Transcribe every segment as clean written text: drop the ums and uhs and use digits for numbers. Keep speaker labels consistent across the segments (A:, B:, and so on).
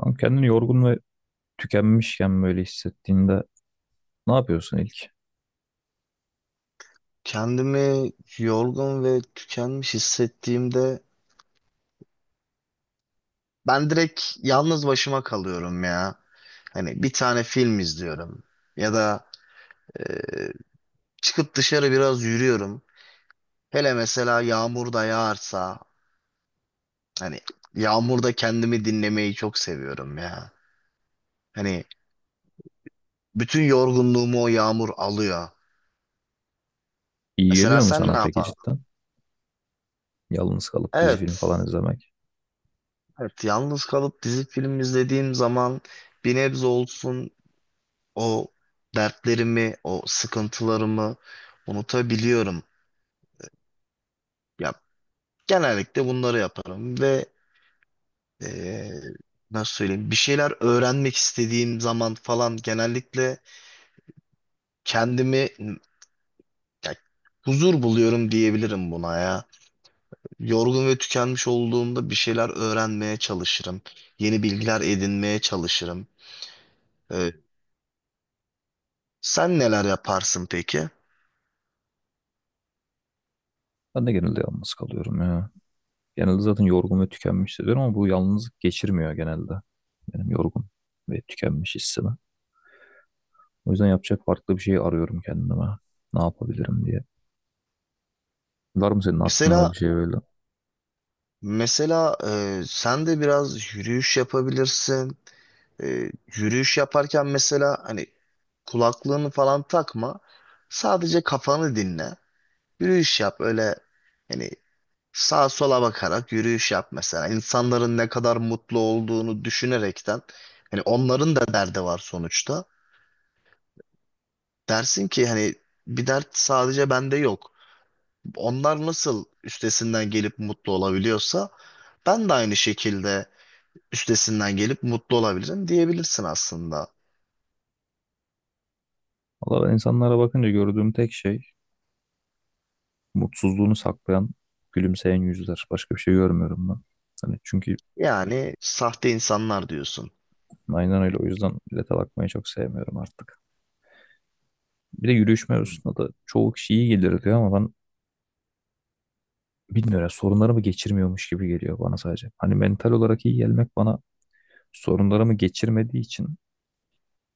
A: Tam kendini yorgun ve tükenmişken böyle hissettiğinde ne yapıyorsun ilk?
B: Kendimi yorgun ve tükenmiş hissettiğimde ben direkt yalnız başıma kalıyorum ya. Hani bir tane film izliyorum ya da e, çıkıp dışarı biraz yürüyorum. Hele mesela yağmur da yağarsa hani yağmurda kendimi dinlemeyi çok seviyorum ya. Hani bütün yorgunluğumu o yağmur alıyor.
A: İyi
B: Mesela
A: geliyor mu
B: sen
A: sana
B: ne
A: peki
B: yapardın?
A: cidden? Yalnız kalıp dizi film
B: Evet.
A: falan izlemek.
B: Evet, yalnız kalıp dizi film izlediğim zaman bir nebze olsun o dertlerimi, o sıkıntılarımı unutabiliyorum. Ya genellikle bunları yaparım ve eee, nasıl söyleyeyim bir şeyler öğrenmek istediğim zaman falan genellikle kendimi ya, huzur buluyorum diyebilirim buna ya. Yorgun ve tükenmiş olduğumda bir şeyler öğrenmeye çalışırım. Yeni bilgiler edinmeye çalışırım. Eee, Sen neler yaparsın peki?
A: Ben de genelde yalnız kalıyorum ya. Genelde zaten yorgun ve tükenmiş hissediyorum ama bu yalnızlık geçirmiyor genelde. Benim yorgun ve tükenmiş hissimi. O yüzden yapacak farklı bir şey arıyorum kendime. Ne yapabilirim diye. Var mı senin aklında bir
B: Mesela
A: şey böyle?
B: Mesela, sen de biraz yürüyüş yapabilirsin. E, Yürüyüş yaparken mesela hani kulaklığını falan takma. Sadece kafanı dinle. Yürüyüş yap öyle hani sağa sola bakarak yürüyüş yap mesela. İnsanların ne kadar mutlu olduğunu düşünerekten hani onların da derdi var sonuçta. Dersin ki hani bir dert sadece bende yok. Onlar nasıl üstesinden gelip mutlu olabiliyorsa ben de aynı şekilde üstesinden gelip mutlu olabilirim diyebilirsin aslında.
A: Valla ben insanlara bakınca gördüğüm tek şey mutsuzluğunu saklayan, gülümseyen yüzler. Başka bir şey görmüyorum ben. Hani çünkü
B: Yani sahte insanlar diyorsun.
A: aynen öyle. O yüzden millete bakmayı çok sevmiyorum artık. Bir de yürüyüş
B: Hı.
A: mevzusunda da çoğu kişi iyi gelir diyor ama ben bilmiyorum. Sorunlarımı geçirmiyormuş gibi geliyor bana sadece. Hani mental olarak iyi gelmek bana sorunlarımı geçirmediği için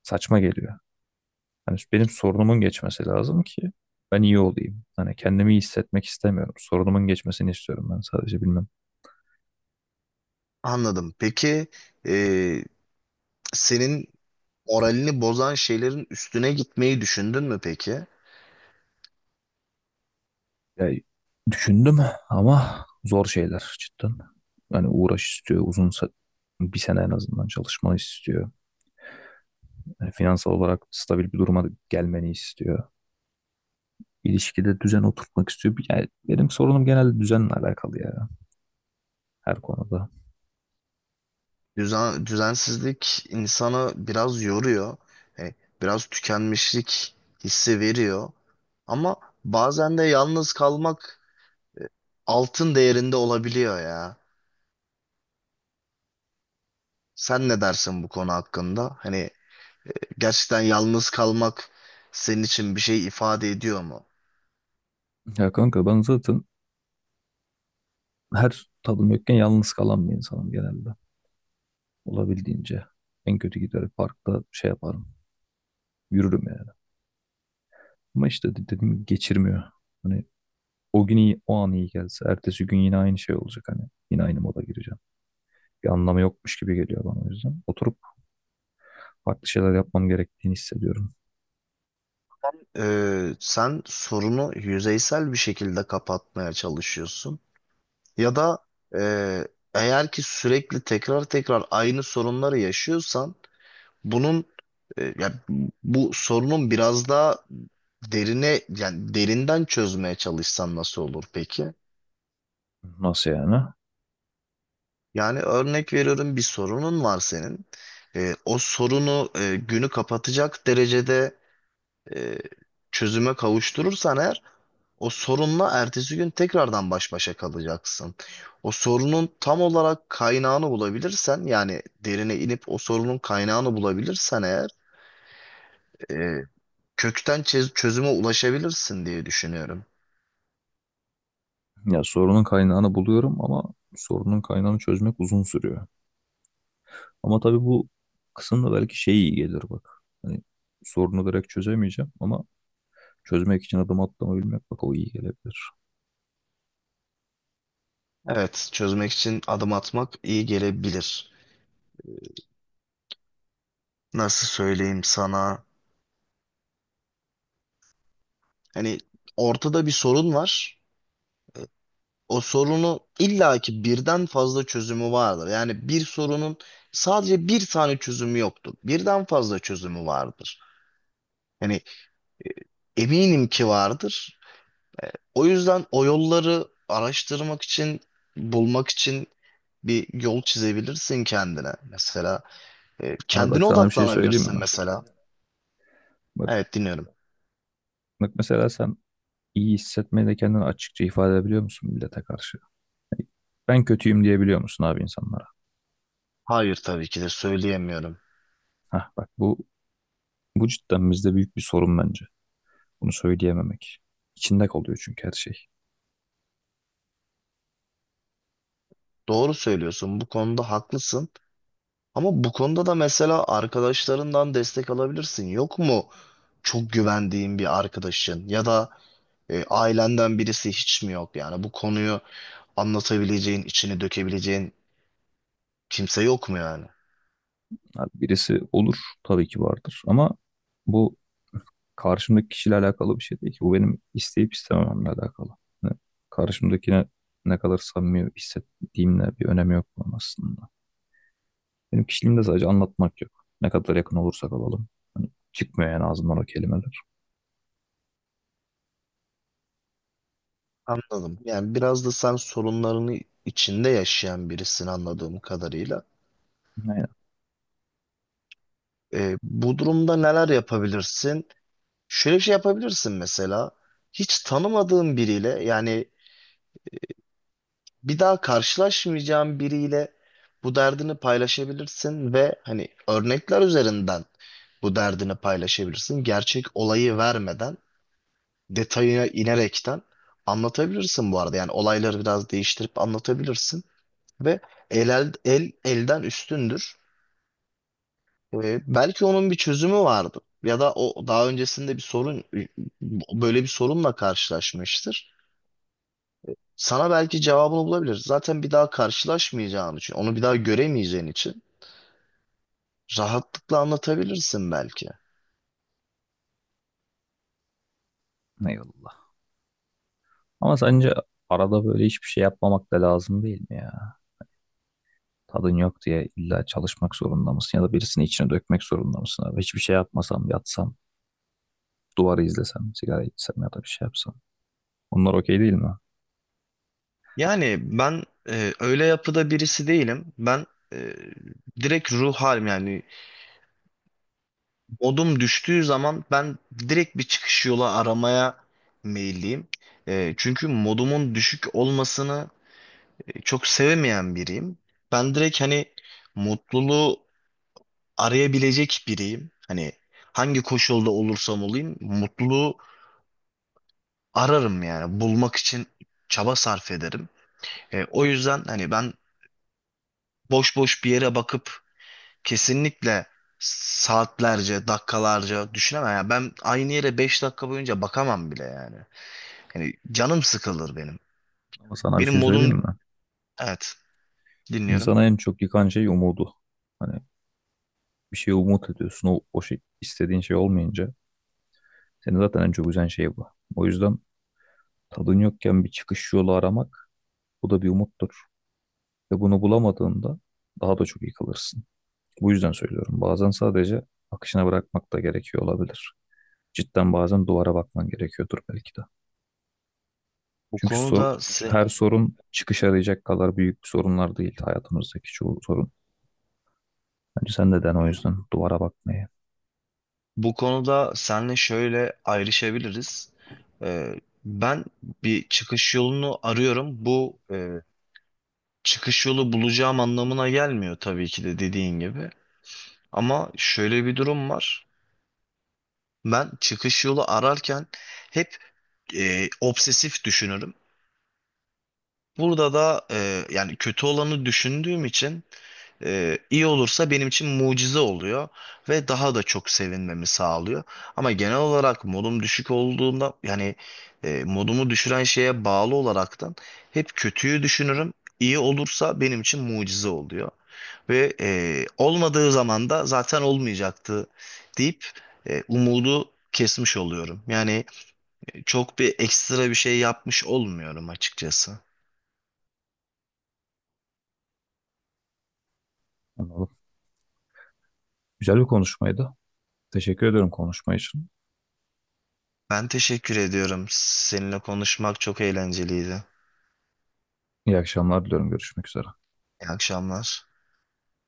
A: saçma geliyor. Hani benim sorunumun geçmesi lazım ki ben iyi olayım. Hani kendimi iyi hissetmek istemiyorum. Sorunumun geçmesini istiyorum ben sadece bilmem.
B: Anladım. Peki e, senin moralini bozan şeylerin üstüne gitmeyi düşündün mü peki?
A: Ya, düşündüm ama zor şeyler cidden. Yani uğraş istiyor, bir sene en azından çalışmanı istiyor. Yani finansal olarak stabil bir duruma gelmeni istiyor. İlişkide düzen oturtmak istiyor. Yani benim sorunum genelde düzenle alakalı ya her konuda.
B: Düzen, düzensizlik insanı biraz yoruyor. E, biraz tükenmişlik hissi veriyor. Ama bazen de yalnız kalmak altın değerinde olabiliyor ya. Sen ne dersin bu konu hakkında? Hani gerçekten yalnız kalmak senin için bir şey ifade ediyor mu?
A: Ya kanka ben zaten her tadım yokken yalnız kalan bir insanım genelde. Olabildiğince. En kötü giderim parkta şey yaparım. Yürürüm yani. Ama işte dediğim gibi geçirmiyor. Hani o gün iyi, o an iyi gelse. Ertesi gün yine aynı şey olacak hani. Yine aynı moda gireceğim. Bir anlamı yokmuş gibi geliyor bana o yüzden. Oturup farklı şeyler yapmam gerektiğini hissediyorum.
B: Sen sorunu yüzeysel bir şekilde kapatmaya çalışıyorsun. Ya da e, eğer ki sürekli tekrar tekrar aynı sorunları yaşıyorsan bunun e, ya bu sorunun biraz daha derine yani derinden çözmeye çalışsan nasıl olur peki?
A: Nasıl yani?
B: Yani örnek veriyorum bir sorunun var senin. O sorunu günü kapatacak derecede e, çözüme kavuşturursan eğer o sorunla ertesi gün tekrardan baş başa kalacaksın. O sorunun tam olarak kaynağını bulabilirsen yani derine inip o sorunun kaynağını bulabilirsen eğer e, kökten çözüme ulaşabilirsin diye düşünüyorum.
A: Ya sorunun kaynağını buluyorum ama sorunun kaynağını çözmek uzun sürüyor. Ama tabii bu kısımda belki şey iyi gelir bak. Hani sorunu direkt çözemeyeceğim ama çözmek için adım atlamayı bilmek bak o iyi gelebilir.
B: Evet, çözmek için adım atmak iyi gelebilir. Nasıl söyleyeyim sana? Hani ortada bir sorun var. O sorunu illaki birden fazla çözümü vardır. Yani bir sorunun sadece bir tane çözümü yoktur. Birden fazla çözümü vardır. Hani. Eminim ki vardır. O yüzden o yolları araştırmak için, bulmak için bir yol çizebilirsin kendine. Mesela
A: Abi bak
B: kendine
A: sana bir şey söyleyeyim
B: odaklanabilirsin
A: mi?
B: mesela.
A: Bak,
B: Evet, dinliyorum.
A: bak mesela sen iyi hissetmeyi de kendini açıkça ifade edebiliyor musun millete karşı? Ben kötüyüm diyebiliyor musun abi insanlara?
B: Hayır, tabii ki de söyleyemiyorum.
A: Hah bak bu cidden bizde büyük bir sorun bence. Bunu söyleyememek. İçinde kalıyor çünkü her şey.
B: Doğru söylüyorsun. Bu konuda haklısın. Ama bu konuda da mesela arkadaşlarından destek alabilirsin. Yok mu çok güvendiğin bir arkadaşın ya da ailenden birisi hiç mi yok? Yani bu konuyu anlatabileceğin, içini dökebileceğin kimse yok mu yani?
A: Abi birisi olur tabii ki vardır ama bu karşımdaki kişiyle alakalı bir şey değil ki. Bu benim isteyip istemememle alakalı. Yani karşımdakine ne kadar samimi hissettiğimle bir önemi yok bunun aslında. Benim kişiliğimde sadece anlatmak yok. Ne kadar yakın olursak olalım. Hani çıkmıyor yani ağzımdan o kelimeler.
B: Anladım. Yani biraz da sen sorunlarını içinde yaşayan birisin anladığım kadarıyla.
A: Aynen.
B: Bu durumda neler yapabilirsin? Şöyle bir şey yapabilirsin mesela. Hiç tanımadığın biriyle yani bir daha karşılaşmayacağın biriyle bu derdini paylaşabilirsin ve hani örnekler üzerinden bu derdini paylaşabilirsin. Gerçek olayı vermeden detayına inerekten anlatabilirsin bu arada. Yani olayları biraz değiştirip anlatabilirsin. Ve el elden üstündür. Belki onun bir çözümü vardı. Ya da o daha öncesinde bir sorun böyle bir sorunla karşılaşmıştır. Sana belki cevabını bulabilir. Zaten bir daha karşılaşmayacağın için, onu bir daha göremeyeceğin için rahatlıkla anlatabilirsin belki.
A: Eyvallah. Ama sence arada böyle hiçbir şey yapmamak da lazım değil mi ya? Tadın yok diye illa çalışmak zorunda mısın ya da birisini içine dökmek zorunda mısın abi? Hiçbir şey yapmasam, yatsam, duvarı izlesem, sigara içsem ya da bir şey yapsam. Bunlar okey değil mi?
B: Yani ben öyle yapıda birisi değilim. Ben e, direkt ruh halim yani modum düştüğü zaman ben direkt bir çıkış yolu aramaya meyilliyim. Çünkü modumun düşük olmasını çok sevemeyen biriyim. Ben direkt hani mutluluğu arayabilecek biriyim. Hani hangi koşulda olursam olayım mutluluğu ararım yani bulmak için çaba sarf ederim. O yüzden hani ben boş boş bir yere bakıp kesinlikle saatlerce, dakikalarca düşünemem. Yani ben aynı yere 5 dakika boyunca bakamam bile yani. Yani canım sıkılır benim.
A: Ama sana bir
B: Benim
A: şey söyleyeyim
B: modum
A: mi?
B: Evet, dinliyorum.
A: İnsana en çok yıkan şey umudu. Hani bir şey umut ediyorsun. İstediğin şey olmayınca seni zaten en çok üzen şey bu. O yüzden tadın yokken bir çıkış yolu aramak bu da bir umuttur. Ve bunu bulamadığında daha da çok yıkılırsın. Bu yüzden söylüyorum. Bazen sadece akışına bırakmak da gerekiyor olabilir. Cidden bazen duvara bakman gerekiyordur belki de.
B: Bu
A: Çünkü
B: konuda sen,
A: her sorun çıkış arayacak kadar büyük bir sorunlar değil hayatımızdaki çoğu sorun. Bence sen de den o yüzden duvara bakmayı.
B: Bu konuda senle şöyle ayrışabiliriz. Ben bir çıkış yolunu arıyorum. Bu çıkış yolu bulacağım anlamına gelmiyor tabii ki de dediğin gibi. Ama şöyle bir durum var. Ben çıkış yolu ararken hep obsesif düşünürüm. Burada da yani kötü olanı düşündüğüm için iyi olursa benim için mucize oluyor ve daha da çok sevinmemi sağlıyor. Ama genel olarak modum düşük olduğunda yani modumu düşüren şeye bağlı olaraktan hep kötüyü düşünürüm. İyi olursa benim için mucize oluyor. Ve olmadığı zaman da zaten olmayacaktı deyip umudu kesmiş oluyorum. Yani çok bir ekstra bir şey yapmış olmuyorum açıkçası.
A: Anladım. Güzel bir konuşmaydı. Teşekkür ediyorum konuşma için.
B: Ben teşekkür ediyorum. Seninle konuşmak çok eğlenceliydi.
A: İyi akşamlar diliyorum. Görüşmek üzere.
B: İyi akşamlar.